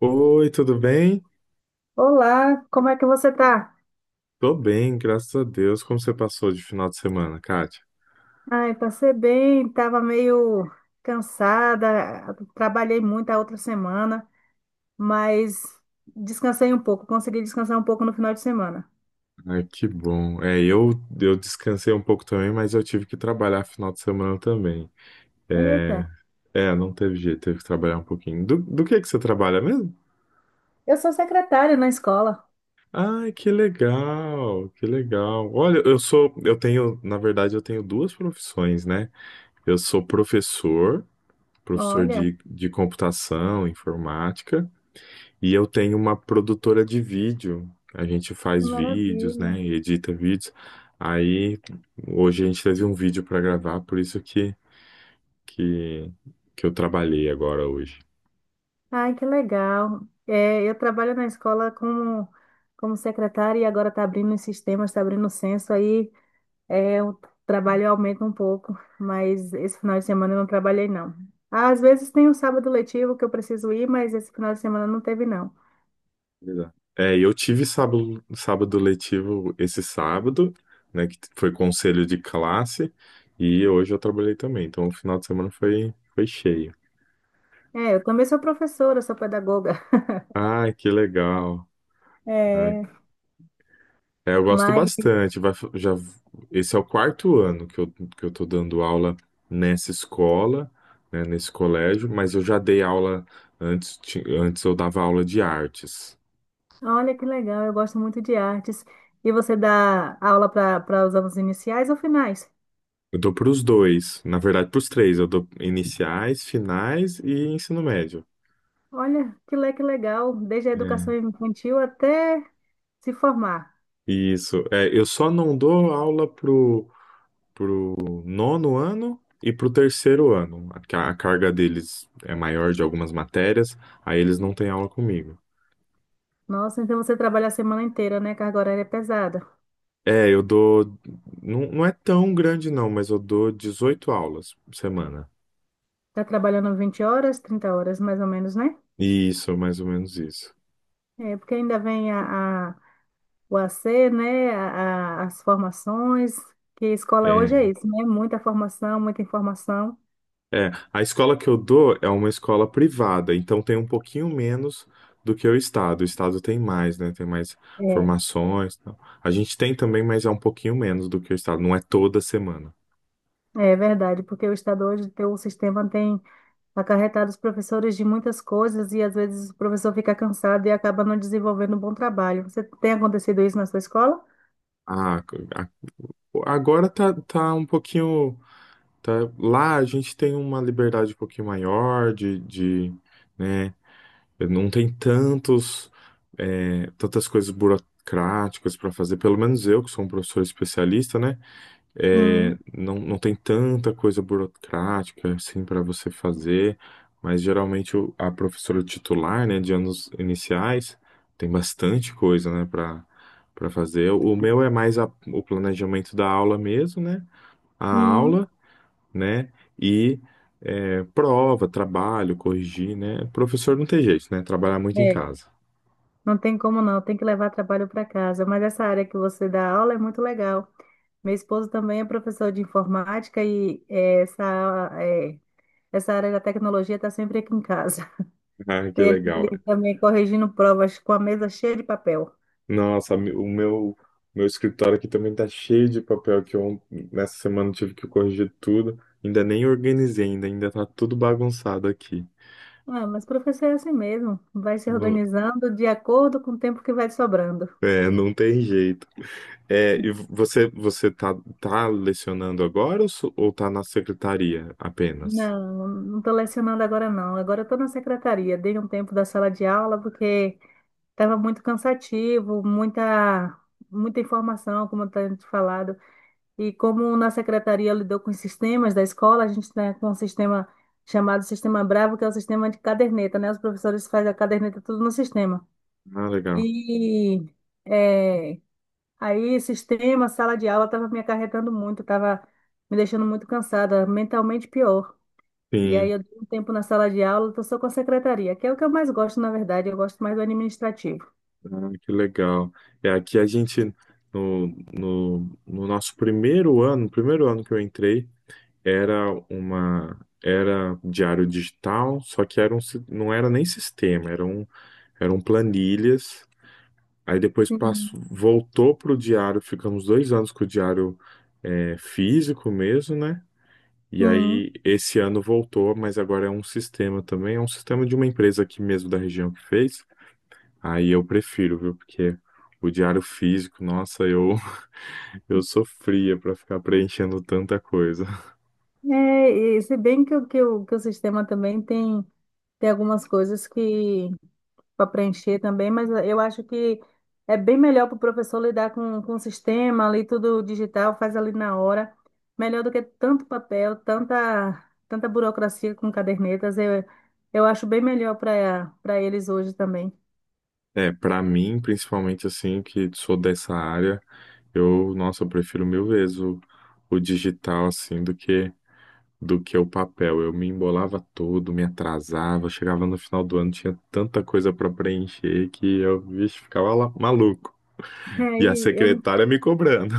Oi, tudo bem? Olá, como é que você tá? Tô bem, graças a Deus. Como você passou de final de semana, Kátia? Ai, passei bem, tava meio cansada, trabalhei muito a outra semana, mas descansei um pouco, consegui descansar um pouco no final de semana. Ai, que bom. É, eu descansei um pouco também, mas eu tive que trabalhar final de semana também. Eita, É, é, não teve jeito, teve que trabalhar um pouquinho. Do que você trabalha mesmo? eu sou secretária na escola. Ai, que legal, que legal. Olha, eu tenho, na verdade, eu tenho duas profissões, né? Eu sou professor, professor Olha, de, de computação, informática. E eu tenho uma produtora de vídeo. A gente que faz vídeos, maravilha. né? E edita vídeos. Aí hoje a gente teve um vídeo para gravar, por isso que, que eu trabalhei agora hoje. Ai, que legal. É, eu trabalho na escola como secretária e agora está abrindo os sistemas, está abrindo o censo aí. É, o trabalho aumenta um pouco, mas esse final de semana eu não trabalhei, não. Às vezes tem o sábado letivo que eu preciso ir, mas esse final de semana não teve, não. Exato. É, e eu tive sábado letivo esse sábado, né? Que foi conselho de classe. E hoje eu trabalhei também. Então o final de semana foi cheio. É, eu também sou professora, sou pedagoga. Ah, que legal. É, É, eu gosto mas bastante. Esse é o quarto ano que eu tô dando aula nessa escola, né, nesse colégio, mas eu já dei aula antes eu dava aula de artes. olha que legal, eu gosto muito de artes. E você dá aula para os anos iniciais ou finais? Eu dou para os dois, na verdade, para os três. Eu dou iniciais, finais e ensino médio. Olha, que legal, desde a educação É, infantil até se formar. isso. É, eu só não dou aula pro nono ano e pro terceiro ano. A carga deles é maior de algumas matérias, aí eles não têm aula comigo. Nossa, então você trabalha a semana inteira, né? Carga horária é pesada. É, eu dou. Não, não é tão grande, não, mas eu dou 18 aulas por semana. Tá trabalhando 20 horas, 30 horas mais ou menos, né? Isso, mais ou menos isso. É, porque ainda vem o AC, né? As formações, que escola hoje É, é isso, né? Muita formação, muita informação. é. A escola que eu dou é uma escola privada, então tem um pouquinho menos do que o estado. O estado tem mais, né? Tem mais É, formações e tal. A gente tem também, mas é um pouquinho menos do que o estado. Não é toda semana. é verdade, porque o Estado hoje, o sistema tem acarretado os professores de muitas coisas e às vezes o professor fica cansado e acaba não desenvolvendo um bom trabalho. Você tem acontecido isso na sua escola? Ah, a- agora tá um pouquinho. Tá, lá a gente tem uma liberdade um pouquinho maior né? Não tem tantos, tantas coisas burocráticas para fazer. Pelo menos eu, que sou um professor especialista, né? É, Sim, não, não tem tanta coisa burocrática assim para você fazer. Mas geralmente a professora titular, né, de anos iniciais, tem bastante coisa, né, para fazer. O meu é mais o planejamento da aula mesmo, né? A sim. aula, né? E prova, trabalho, corrigir, né? Professor não tem jeito, né? Trabalhar muito em É. casa. Não tem como não, tem que levar trabalho para casa. Mas essa área que você dá aula é muito legal. Meu esposo também é professor de informática e essa área da tecnologia está sempre aqui em casa. Ah, que Ele, legal. ele É. também corrigindo provas com a mesa cheia de papel. Nossa, o meu escritório aqui também tá cheio de papel que eu nessa semana tive que corrigir tudo. Ainda nem organizei ainda, ainda tá tudo bagunçado aqui. Ah, mas professor é assim mesmo, vai se Não, organizando de acordo com o tempo que vai sobrando. Não tem jeito. É, e você, você tá lecionando agora ou tá na secretaria apenas? Não, não estou lecionando agora não. Agora estou na secretaria. Dei um tempo da sala de aula porque tava muito cansativo, muita informação, como eu tenho te falado. E como na secretaria lidou com os sistemas da escola, a gente tem um sistema chamado Sistema Bravo, que é o sistema de caderneta, né? Os professores fazem a caderneta tudo no sistema. Ah, legal. E é, aí, sistema, sala de aula, estava me acarretando muito, estava me deixando muito cansada, mentalmente pior. E aí, Sim. eu dei um tempo na sala de aula, estou só com a secretaria, que é o que eu mais gosto, na verdade, eu gosto mais do administrativo. Ah, que legal. É, aqui a gente, no, no, no nosso primeiro ano que eu entrei, era uma, era diário digital, só que não era nem sistema, eram planilhas. Aí depois Sim. passou, voltou para o diário, ficamos 2 anos com o diário físico mesmo, né? E Sim. aí esse ano voltou, mas agora é um sistema também, é um sistema de uma empresa aqui mesmo da região que fez. Aí eu prefiro, viu? Porque o diário físico, nossa, eu, eu sofria pra ficar preenchendo tanta coisa. É, e se bem que, que o sistema também tem, tem algumas coisas que para preencher também, mas eu acho que é bem melhor para o professor lidar com o sistema ali, tudo digital, faz ali na hora, melhor do que tanto papel, tanta burocracia com cadernetas. Eu acho bem melhor para eles hoje também. É, pra mim, principalmente assim, que sou dessa área, nossa, eu prefiro mil vezes o digital, assim, do que o papel. Eu me embolava todo, me atrasava, chegava no final do ano, tinha tanta coisa pra preencher que eu, vixe, ficava lá, maluco. E a Aí eu secretária me cobrando.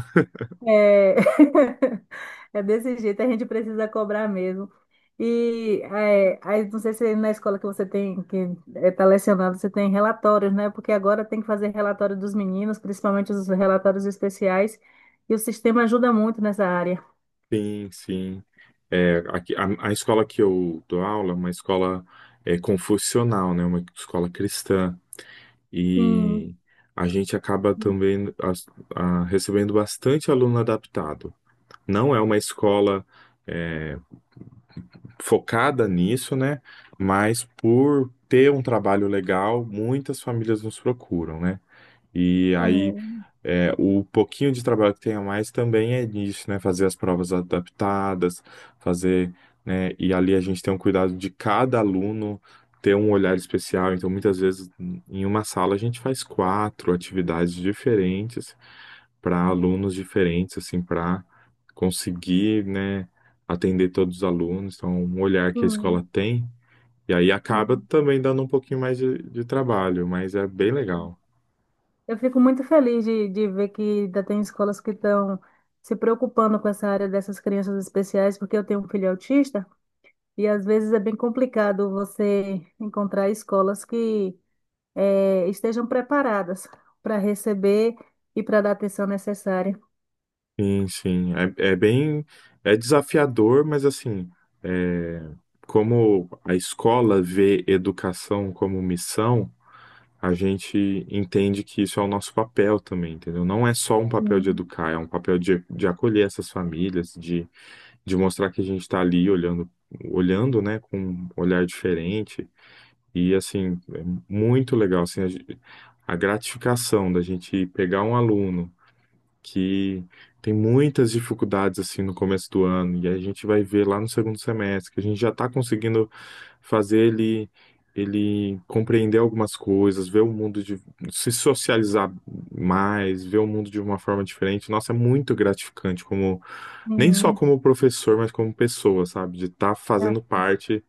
É, é desse jeito, a gente precisa cobrar mesmo. E é, aí, não sei se na escola que você tem, que está lecionando, você tem relatórios, né? Porque agora tem que fazer relatório dos meninos, principalmente os relatórios especiais, e o sistema ajuda muito nessa área. Sim, sim. É, aqui, a escola que eu dou aula é uma escola confucional, né? Uma escola cristã. Sim, E a gente acaba também recebendo bastante aluno adaptado. Não é uma escola é, focada nisso, né? Mas por ter um trabalho legal, muitas famílias nos procuram, né? E é, aí o pouquinho de trabalho que tem a mais também é nisso, né? Fazer as provas adaptadas, fazer, né? E ali a gente tem um cuidado de cada aluno ter um olhar especial. Então, muitas vezes, em uma sala, a gente faz quatro atividades diferentes para alunos diferentes, assim, para conseguir, né, atender todos os alunos. Então, um olhar que a escola sim, tem. E aí acaba sim. também dando um pouquinho mais de trabalho, mas é bem legal. Eu fico muito feliz de ver que ainda tem escolas que estão se preocupando com essa área dessas crianças especiais, porque eu tenho um filho autista. E às vezes é bem complicado você encontrar escolas que estejam preparadas para receber e para dar a atenção necessária. Sim, sim. É, é bem, é desafiador, mas assim, é, como a escola vê educação como missão, a gente entende que isso é o nosso papel também, entendeu? Não é só um papel de Sim, educar, é um papel de acolher essas famílias, de mostrar que a gente está ali olhando, olhando, né, com um olhar diferente. E assim, é muito legal, assim, a gratificação da gente pegar um aluno que tem muitas dificuldades assim no começo do ano e a gente vai ver lá no segundo semestre que a gente já está conseguindo fazer ele compreender algumas coisas, ver o mundo de se socializar mais, ver o mundo de uma forma diferente. Nossa, é muito gratificante como nem só sim. como professor, mas como pessoa, sabe? De estar Ah, fazendo parte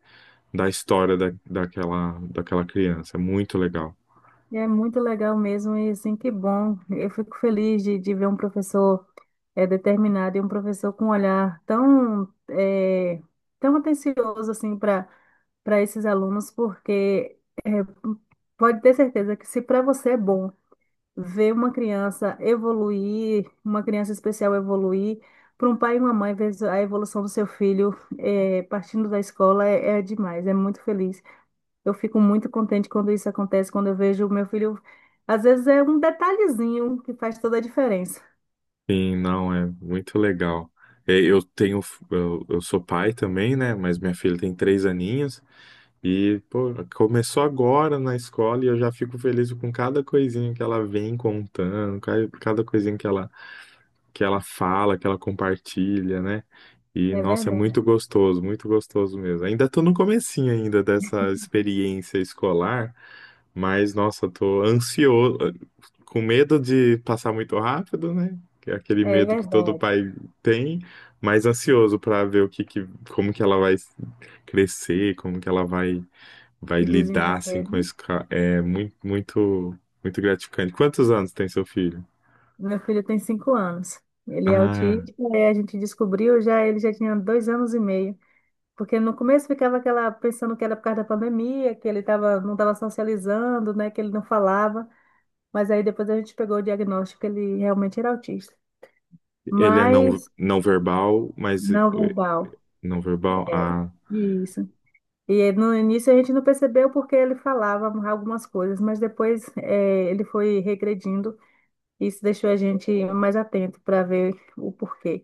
da história da, daquela daquela criança. É muito legal. é muito legal mesmo e assim, que bom. Eu fico feliz de ver um professor determinado e um professor com um olhar tão atencioso assim para esses alunos, porque eh, pode ter certeza que se para você é bom ver uma criança evoluir, uma criança especial evoluir, para um pai e uma mãe ver a evolução do seu filho partindo da escola é demais, é muito feliz. Eu fico muito contente quando isso acontece, quando eu vejo o meu filho. Às vezes é um detalhezinho que faz toda a diferença. Sim, não, é muito legal. É, eu sou pai também, né? Mas minha filha tem 3 aninhos e, pô, começou agora na escola e eu já fico feliz com cada coisinha que ela vem contando, cada coisinha que ela fala, que ela compartilha, né? E, É nossa, é verdade, muito gostoso mesmo. Ainda tô no comecinho ainda dessa experiência escolar, mas, nossa, tô ansioso, com medo de passar muito rápido, né? Que é aquele é medo que todo verdade. pai tem, mas ansioso para ver como que ela vai crescer, como que ela vai Se lidar assim desenvolver, com né? isso. É muito, muito, muito gratificante. Quantos anos tem seu filho? Meu filho tem 5 anos. Ele é Ah, autista, e a gente descobriu já, ele já tinha 2 anos e meio. Porque no começo ficava aquela pensando que era por causa da pandemia, que ele tava, não estava socializando, né, que ele não falava, mas aí depois a gente pegou o diagnóstico que ele realmente era autista. ele é não, Mas não verbal, mas não verbal. não verbal. É, Ah. isso. E no início a gente não percebeu porque ele falava algumas coisas, mas depois ele foi regredindo e isso deixou a gente mais atento para ver o porquê.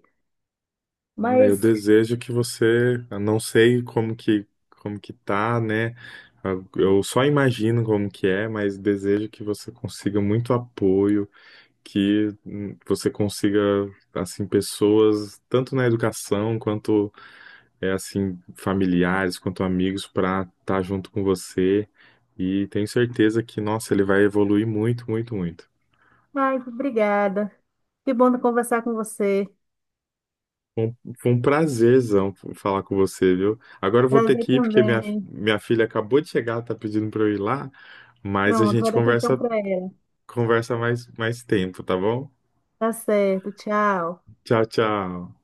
Ah, eu Mas, desejo eu não sei como que tá, né? Eu só imagino como que é, mas desejo que você consiga muito apoio, que você consiga assim pessoas tanto na educação quanto é assim familiares, quanto amigos para estar junto com você. E tenho certeza que, nossa, ele vai evoluir muito, muito, muito. ai, obrigada. Que bom conversar com você. Foi um prazerzão falar com você, viu? Agora eu vou ter Prazer que ir porque minha, também. minha filha acabou de chegar, tá pedindo pra eu ir lá, mas a Pronto, gente vou dar atenção conversa para ela. conversa mais tempo, tá bom? Tá certo, tchau. Tchau, tchau.